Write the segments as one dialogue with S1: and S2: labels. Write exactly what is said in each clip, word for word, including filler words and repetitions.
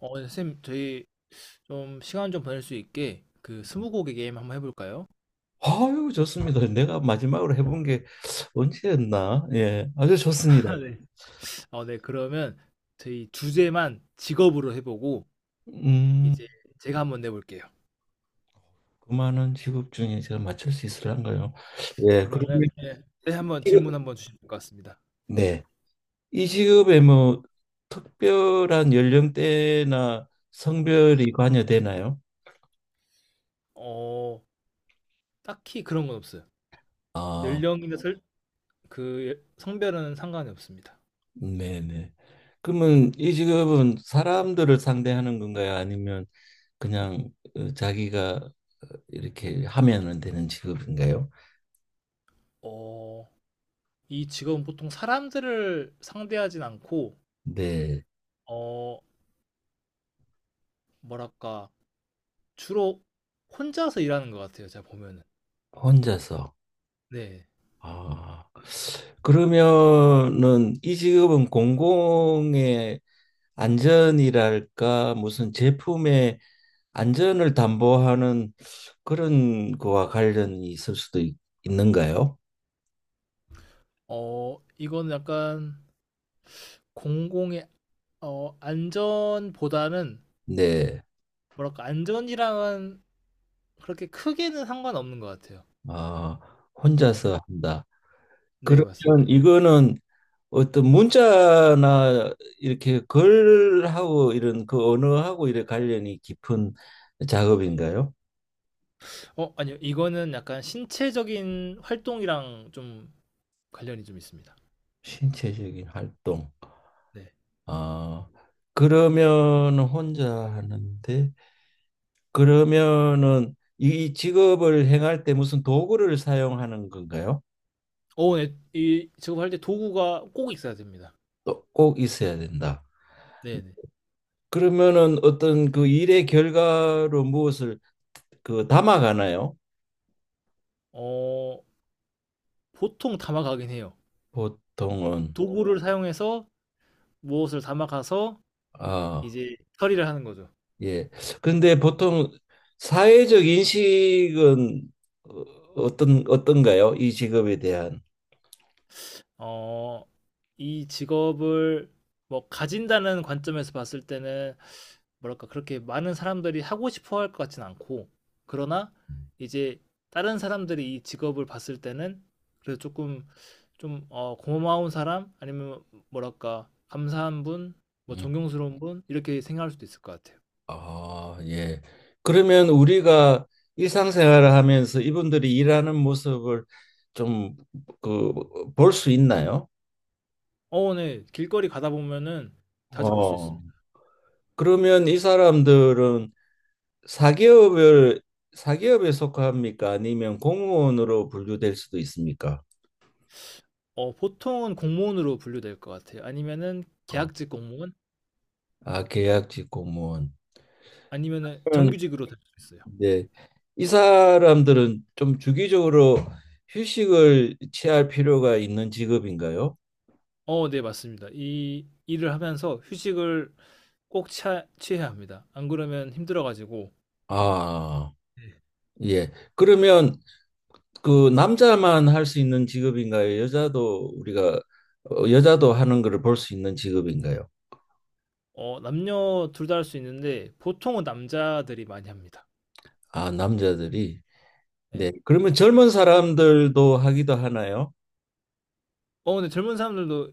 S1: 어, 네, 쌤, 저희 좀 시간 좀 보낼 수 있게 그 스무고개 게임 한번 해볼까요?
S2: 아유, 좋습니다. 내가 마지막으로 해본 게 언제였나? 예, 아주 좋습니다.
S1: 아, 네. 어, 네, 그러면 저희 주제만 직업으로 해보고
S2: 음,
S1: 이제 제가 한번 내볼게요.
S2: 그만원 직업 중에 제가 맞출 수 있을런가요? 예, 그리고
S1: 그러면 네, 네, 한번 질문
S2: 직업,
S1: 한번 주시면 될 것 같습니다.
S2: 네. 이 직업에 뭐 특별한 연령대나 성별이 관여되나요?
S1: 어, 딱히 그런 건 없어요.
S2: 아,
S1: 연령이나 설, 그 예- 성별은 상관이 없습니다.
S2: 네네. 그러면 이 직업은 사람들을 상대하는 건가요? 아니면 그냥 어, 자기가 어, 이렇게 하면은 되는 직업인가요?
S1: 어, 이 직업은 보통 사람들을 상대하진 않고
S2: 네,
S1: 어, 뭐랄까 주로 혼자서 일하는 것 같아요. 제가 보면은.
S2: 혼자서.
S1: 네.
S2: 아, 그러면은 이 직업은 공공의 안전이랄까 무슨 제품의 안전을 담보하는 그런 거와 관련이 있을 수도 있, 는가요.
S1: 어, 이건 약간 공공의 어, 안전보다는
S2: 네.
S1: 뭐랄까 안전이랑은 그렇게 크게는 상관없는 것 같아요.
S2: 아,
S1: 네,
S2: 혼자서 한다.
S1: 네
S2: 그러면
S1: 맞습니다.
S2: 이거는 어떤 문자나 이렇게 글하고 이런 그 언어하고 이런 관련이 깊은 작업인가요?
S1: 어, 아니요, 이거는 약간 신체적인 활동이랑 좀 관련이 좀 있습니다.
S2: 신체적인 활동.
S1: 네.
S2: 아, 그러면 혼자 하는데 그러면은 이 직업을 행할 때 무슨 도구를 사용하는 건가요?
S1: 어, 네, 이 작업할 때 도구가 꼭 있어야 됩니다.
S2: 또 꼭 있어야 된다.
S1: 네, 네.
S2: 그러면은 어떤 그 일의 결과로 무엇을 그 담아가나요?
S1: 어, 보통 담아가긴 해요.
S2: 보통은.
S1: 도구를 어. 사용해서 무엇을 담아가서
S2: 아,
S1: 이제 처리를 하는 거죠.
S2: 예. 근데 보통 사회적 인식은 어- 어떤 어떤가요? 이 직업에 대한.
S1: 어, 이 직업을 뭐 가진다는 관점에서 봤을 때는 뭐랄까 그렇게 많은 사람들이 하고 싶어 할 것 같진 않고 그러나 이제 다른 사람들이 이 직업을 봤을 때는 그래도 조금 좀 어, 고마운 사람 아니면 뭐랄까 감사한 분, 뭐 존경스러운 분 이렇게 생각할 수도 있을 것 같아요.
S2: 아, 예. 그러면 우리가 일상생활을 하면서 이분들이 일하는 모습을 좀 그 볼 수 있나요?
S1: 어, 네. 길거리 가다 보면은 자주 볼 수
S2: 어.
S1: 있습니다.
S2: 그러면 이 사람들은 사기업을 사기업에 속합니까? 아니면 공무원으로 분류될 수도 있습니까?
S1: 어, 보통은 공무원으로 분류될 것 같아요. 아니면은
S2: 어.
S1: 계약직 공무원
S2: 아, 계약직 공무원.
S1: 아니면은
S2: 그러면
S1: 정규직으로 네. 될 수 있어요.
S2: 이제 이 사람들은 좀 주기적으로 휴식을 취할 필요가 있는 직업인가요?
S1: 어, 네, 맞습니다. 이 일을 하면서 휴식을 꼭 취하, 취해야 합니다. 안 그러면 힘들어가지고,
S2: 아.
S1: 네.
S2: 예. 그러면 그 남자만 할 수 있는 직업인가요? 여자도 우리가 어, 여자도 하는 거를 볼 수 있는 직업인가요?
S1: 어, 남녀 둘 다 할 수 있는데, 보통은 남자들이 많이 합니다.
S2: 아, 남자들이.
S1: 네.
S2: 네. 그러면 젊은 사람들도 하기도 하나요?
S1: 어, 근데 젊은 사람들도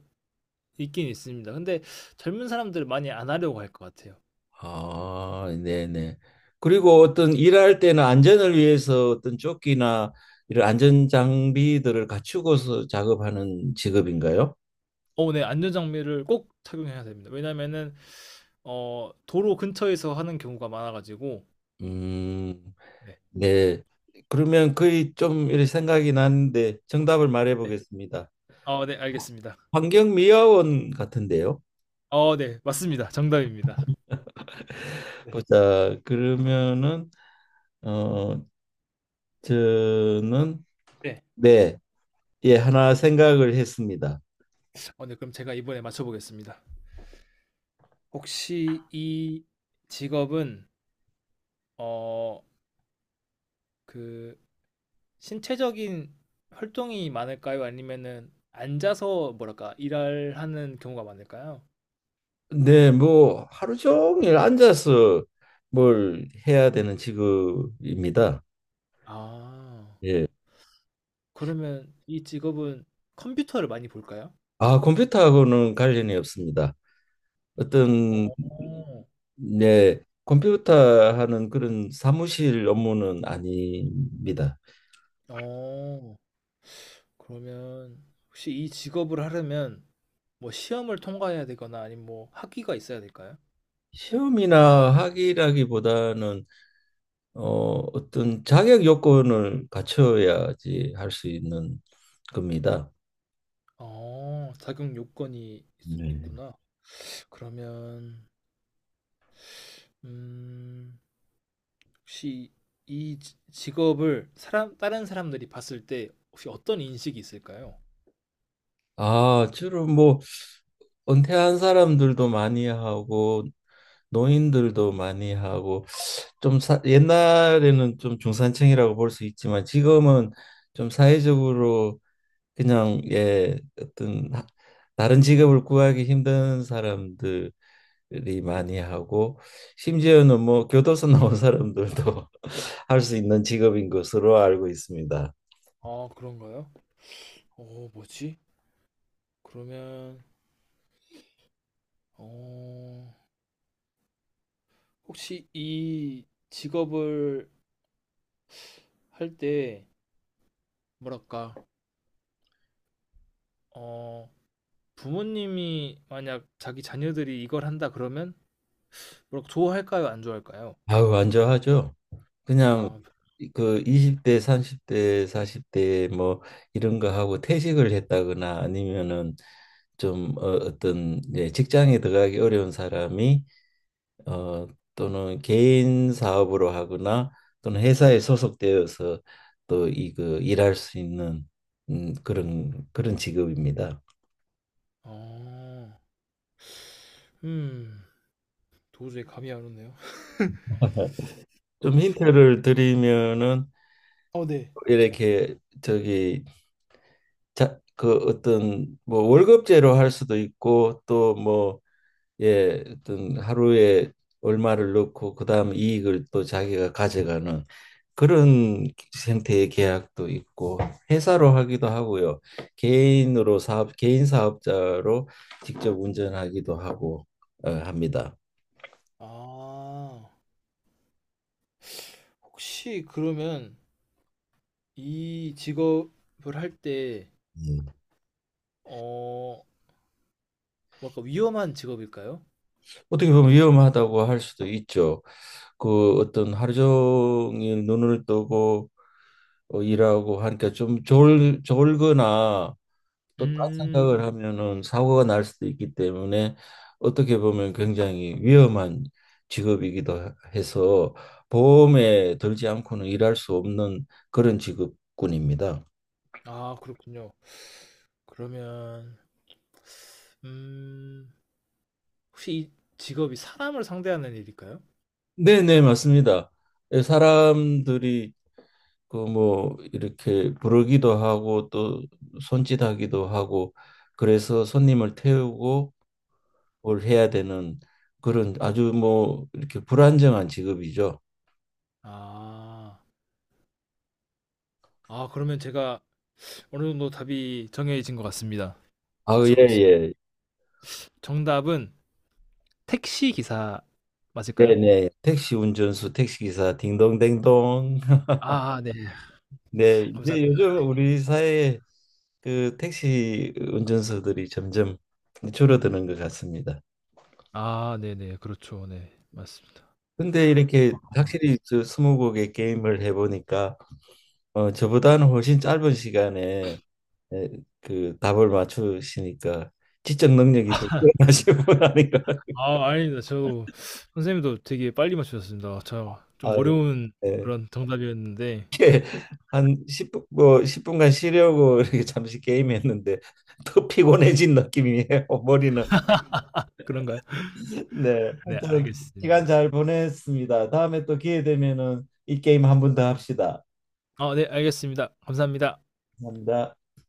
S1: 있긴 있습니다. 근데 젊은 사람들 많이 안 하려고 할 것 같아요.
S2: 아, 네네. 그리고 어떤 일할 때는 안전을 위해서 어떤 조끼나 이런 안전 장비들을 갖추고서 작업하는 직업인가요?
S1: 어, 네, 안전장비를 꼭 착용해야 됩니다. 왜냐면은, 어, 도로 근처에서 하는 경우가 많아가지고,
S2: 음,
S1: 네.
S2: 네. 그러면 거의 좀 이렇게 생각이 나는데 정답을 말해
S1: 네.
S2: 보겠습니다.
S1: 어, 네, 알겠습니다.
S2: 환경미화원 같은데요.
S1: 어, 네, 맞습니다. 정답입니다. 네.
S2: 보자. 그러면은 어 저는
S1: 네.
S2: 네. 예, 하나 생각을 했습니다.
S1: 어, 네, 그럼 제가 이번에 맞춰보겠습니다. 혹시 이 직업은 어, 그 신체적인 활동이 많을까요? 아니면은 앉아서 뭐랄까 일하는 경우가 많을까요?
S2: 네, 뭐 하루 종일 앉아서 뭘 해야 되는 직업입니다.
S1: 아,
S2: 예.
S1: 그러면 이 직업은 컴퓨터를 많이 볼까요?
S2: 아, 컴퓨터하고는 관련이 없습니다.
S1: 어,
S2: 어떤 네, 컴퓨터 하는 그런 사무실 업무는 아닙니다.
S1: 어, 그러면 혹시 이 직업을 하려면 뭐 시험을 통과해야 되거나 아니면 뭐 학위가 있어야 될까요?
S2: 시험이나 학위라기보다는 어, 어떤 자격 요건을 갖춰야지 할 수 있는 겁니다.
S1: 어, 자격 요건이 있,
S2: 네.
S1: 있구나. 그러면 음, 혹시 이 지- 직업을 사람 다른 사람들이 봤을 때 혹시 어떤 인식이 있을까요?
S2: 아, 주로 뭐 은퇴한 사람들도 많이 하고 노인들도 많이 하고 좀 사, 옛날에는 좀 중산층이라고 볼 수 있지만 지금은 좀 사회적으로 그냥 예 어떤 하- 다른 직업을 구하기 힘든 사람들이 많이 하고 심지어는 뭐 교도소 나온 사람들도 할 수 있는 직업인 것으로 알고 있습니다.
S1: 아, 그런가요? 어, 뭐지? 그러면 어, 혹시 이 직업을 할 때 뭐랄까? 어, 부모님이 만약 자기 자녀들이 이걸 한다 그러면 뭐랄까 좋아할까요? 안 좋아할까요?
S2: 아우 안좋아하죠. 그냥
S1: 아,
S2: 그 이십 대, 삼십 대, 사십 대 뭐 이런 거 하고 퇴직을 했다거나 아니면은 좀 어, 어떤 예, 직장에 들어가기 어려운 사람이 어, 또는 개인 사업으로 하거나 또는 회사에 소속되어서 또 이 그 일할 수 있는 음, 그런 그런 직업입니다.
S1: 어, 음, 도저히 감이 안 오네요.
S2: 좀 힌트를 드리면은
S1: 어, 네.
S2: 이렇게 저기 자, 그 어떤 뭐 월급제로 할 수도 있고 또뭐 예, 어떤 하루에 얼마를 넣고 그다음 이익을 또 자기가 가져가는 그런 형태의 계약도 있고 회사로 하기도 하고요. 개인으로 사업 개인 사업자로 직접 운전하기도 하고 어, 합니다.
S1: 아. 혹시 그러면 이 직업을 할 때,
S2: 음.
S1: 어, 뭐랄까 위험한 직업일까요?
S2: 어떻게 보면 위험하다고 할 수도 있죠. 그 어떤 하루 종일 눈을 뜨고 어, 일하고 하니까 좀 졸, 졸거나 또 딴 생각을
S1: 음,
S2: 하면은 사고가 날 수도 있기 때문에 어떻게 보면 굉장히 위험한 직업이기도 해서 보험에 들지 않고는 일할 수 없는 그런 직업군입니다.
S1: 아, 그렇군요. 그러면, 음, 혹시 이 직업이 사람을 상대하는 일일까요?
S2: 네, 네, 맞습니다. 예, 사람들이 그 뭐 이렇게 부르기도 하고 또 손짓하기도 하고 그래서 손님을 태우고 뭘 해야 되는 그런 아주 뭐 이렇게 불안정한 직업이죠.
S1: 아, 아, 그러면 제가 어느 정도 답이 정해진 것 같습니다.
S2: 아, 예,
S1: 맞춰보겠습니다.
S2: 예.
S1: 정답은 택시 기사 맞을까요?
S2: 네네. 택시 운전수, 택시기사, 딩동댕동.
S1: 아, 네.
S2: 네, 이제
S1: 감사합니다.
S2: 요즘 우리 사회에 그 택시 운전수들이 점점 줄어드는 것 같습니다.
S1: 아, 네네. 그렇죠. 네. 맞습니다.
S2: 근데 이렇게 확실히 저 스무 곡의 게임을 해보니까 어, 저보다는 훨씬 짧은 시간에 에, 그 답을 맞추시니까 지적 능력이 더 뛰어나신 분 아닌가.
S1: 아 아닙니다. 저도 선생님도 되게 빨리 맞추셨습니다. 저 좀
S2: 아,
S1: 어려운 그런 정답이었는데
S2: 이렇게 한 십 분 뭐 십 분간 쉬려고 이렇게 잠시 게임했는데 더 피곤해진 느낌이에요. 머리는.
S1: 그런가요?
S2: 네.
S1: 네
S2: 하여튼 시간
S1: 알겠습니다.
S2: 잘 보냈습니다. 다음에 또 기회 되면은 이 게임 한 번 더 합시다.
S1: 어 네 알겠습니다. 감사합니다.
S2: 감사합니다.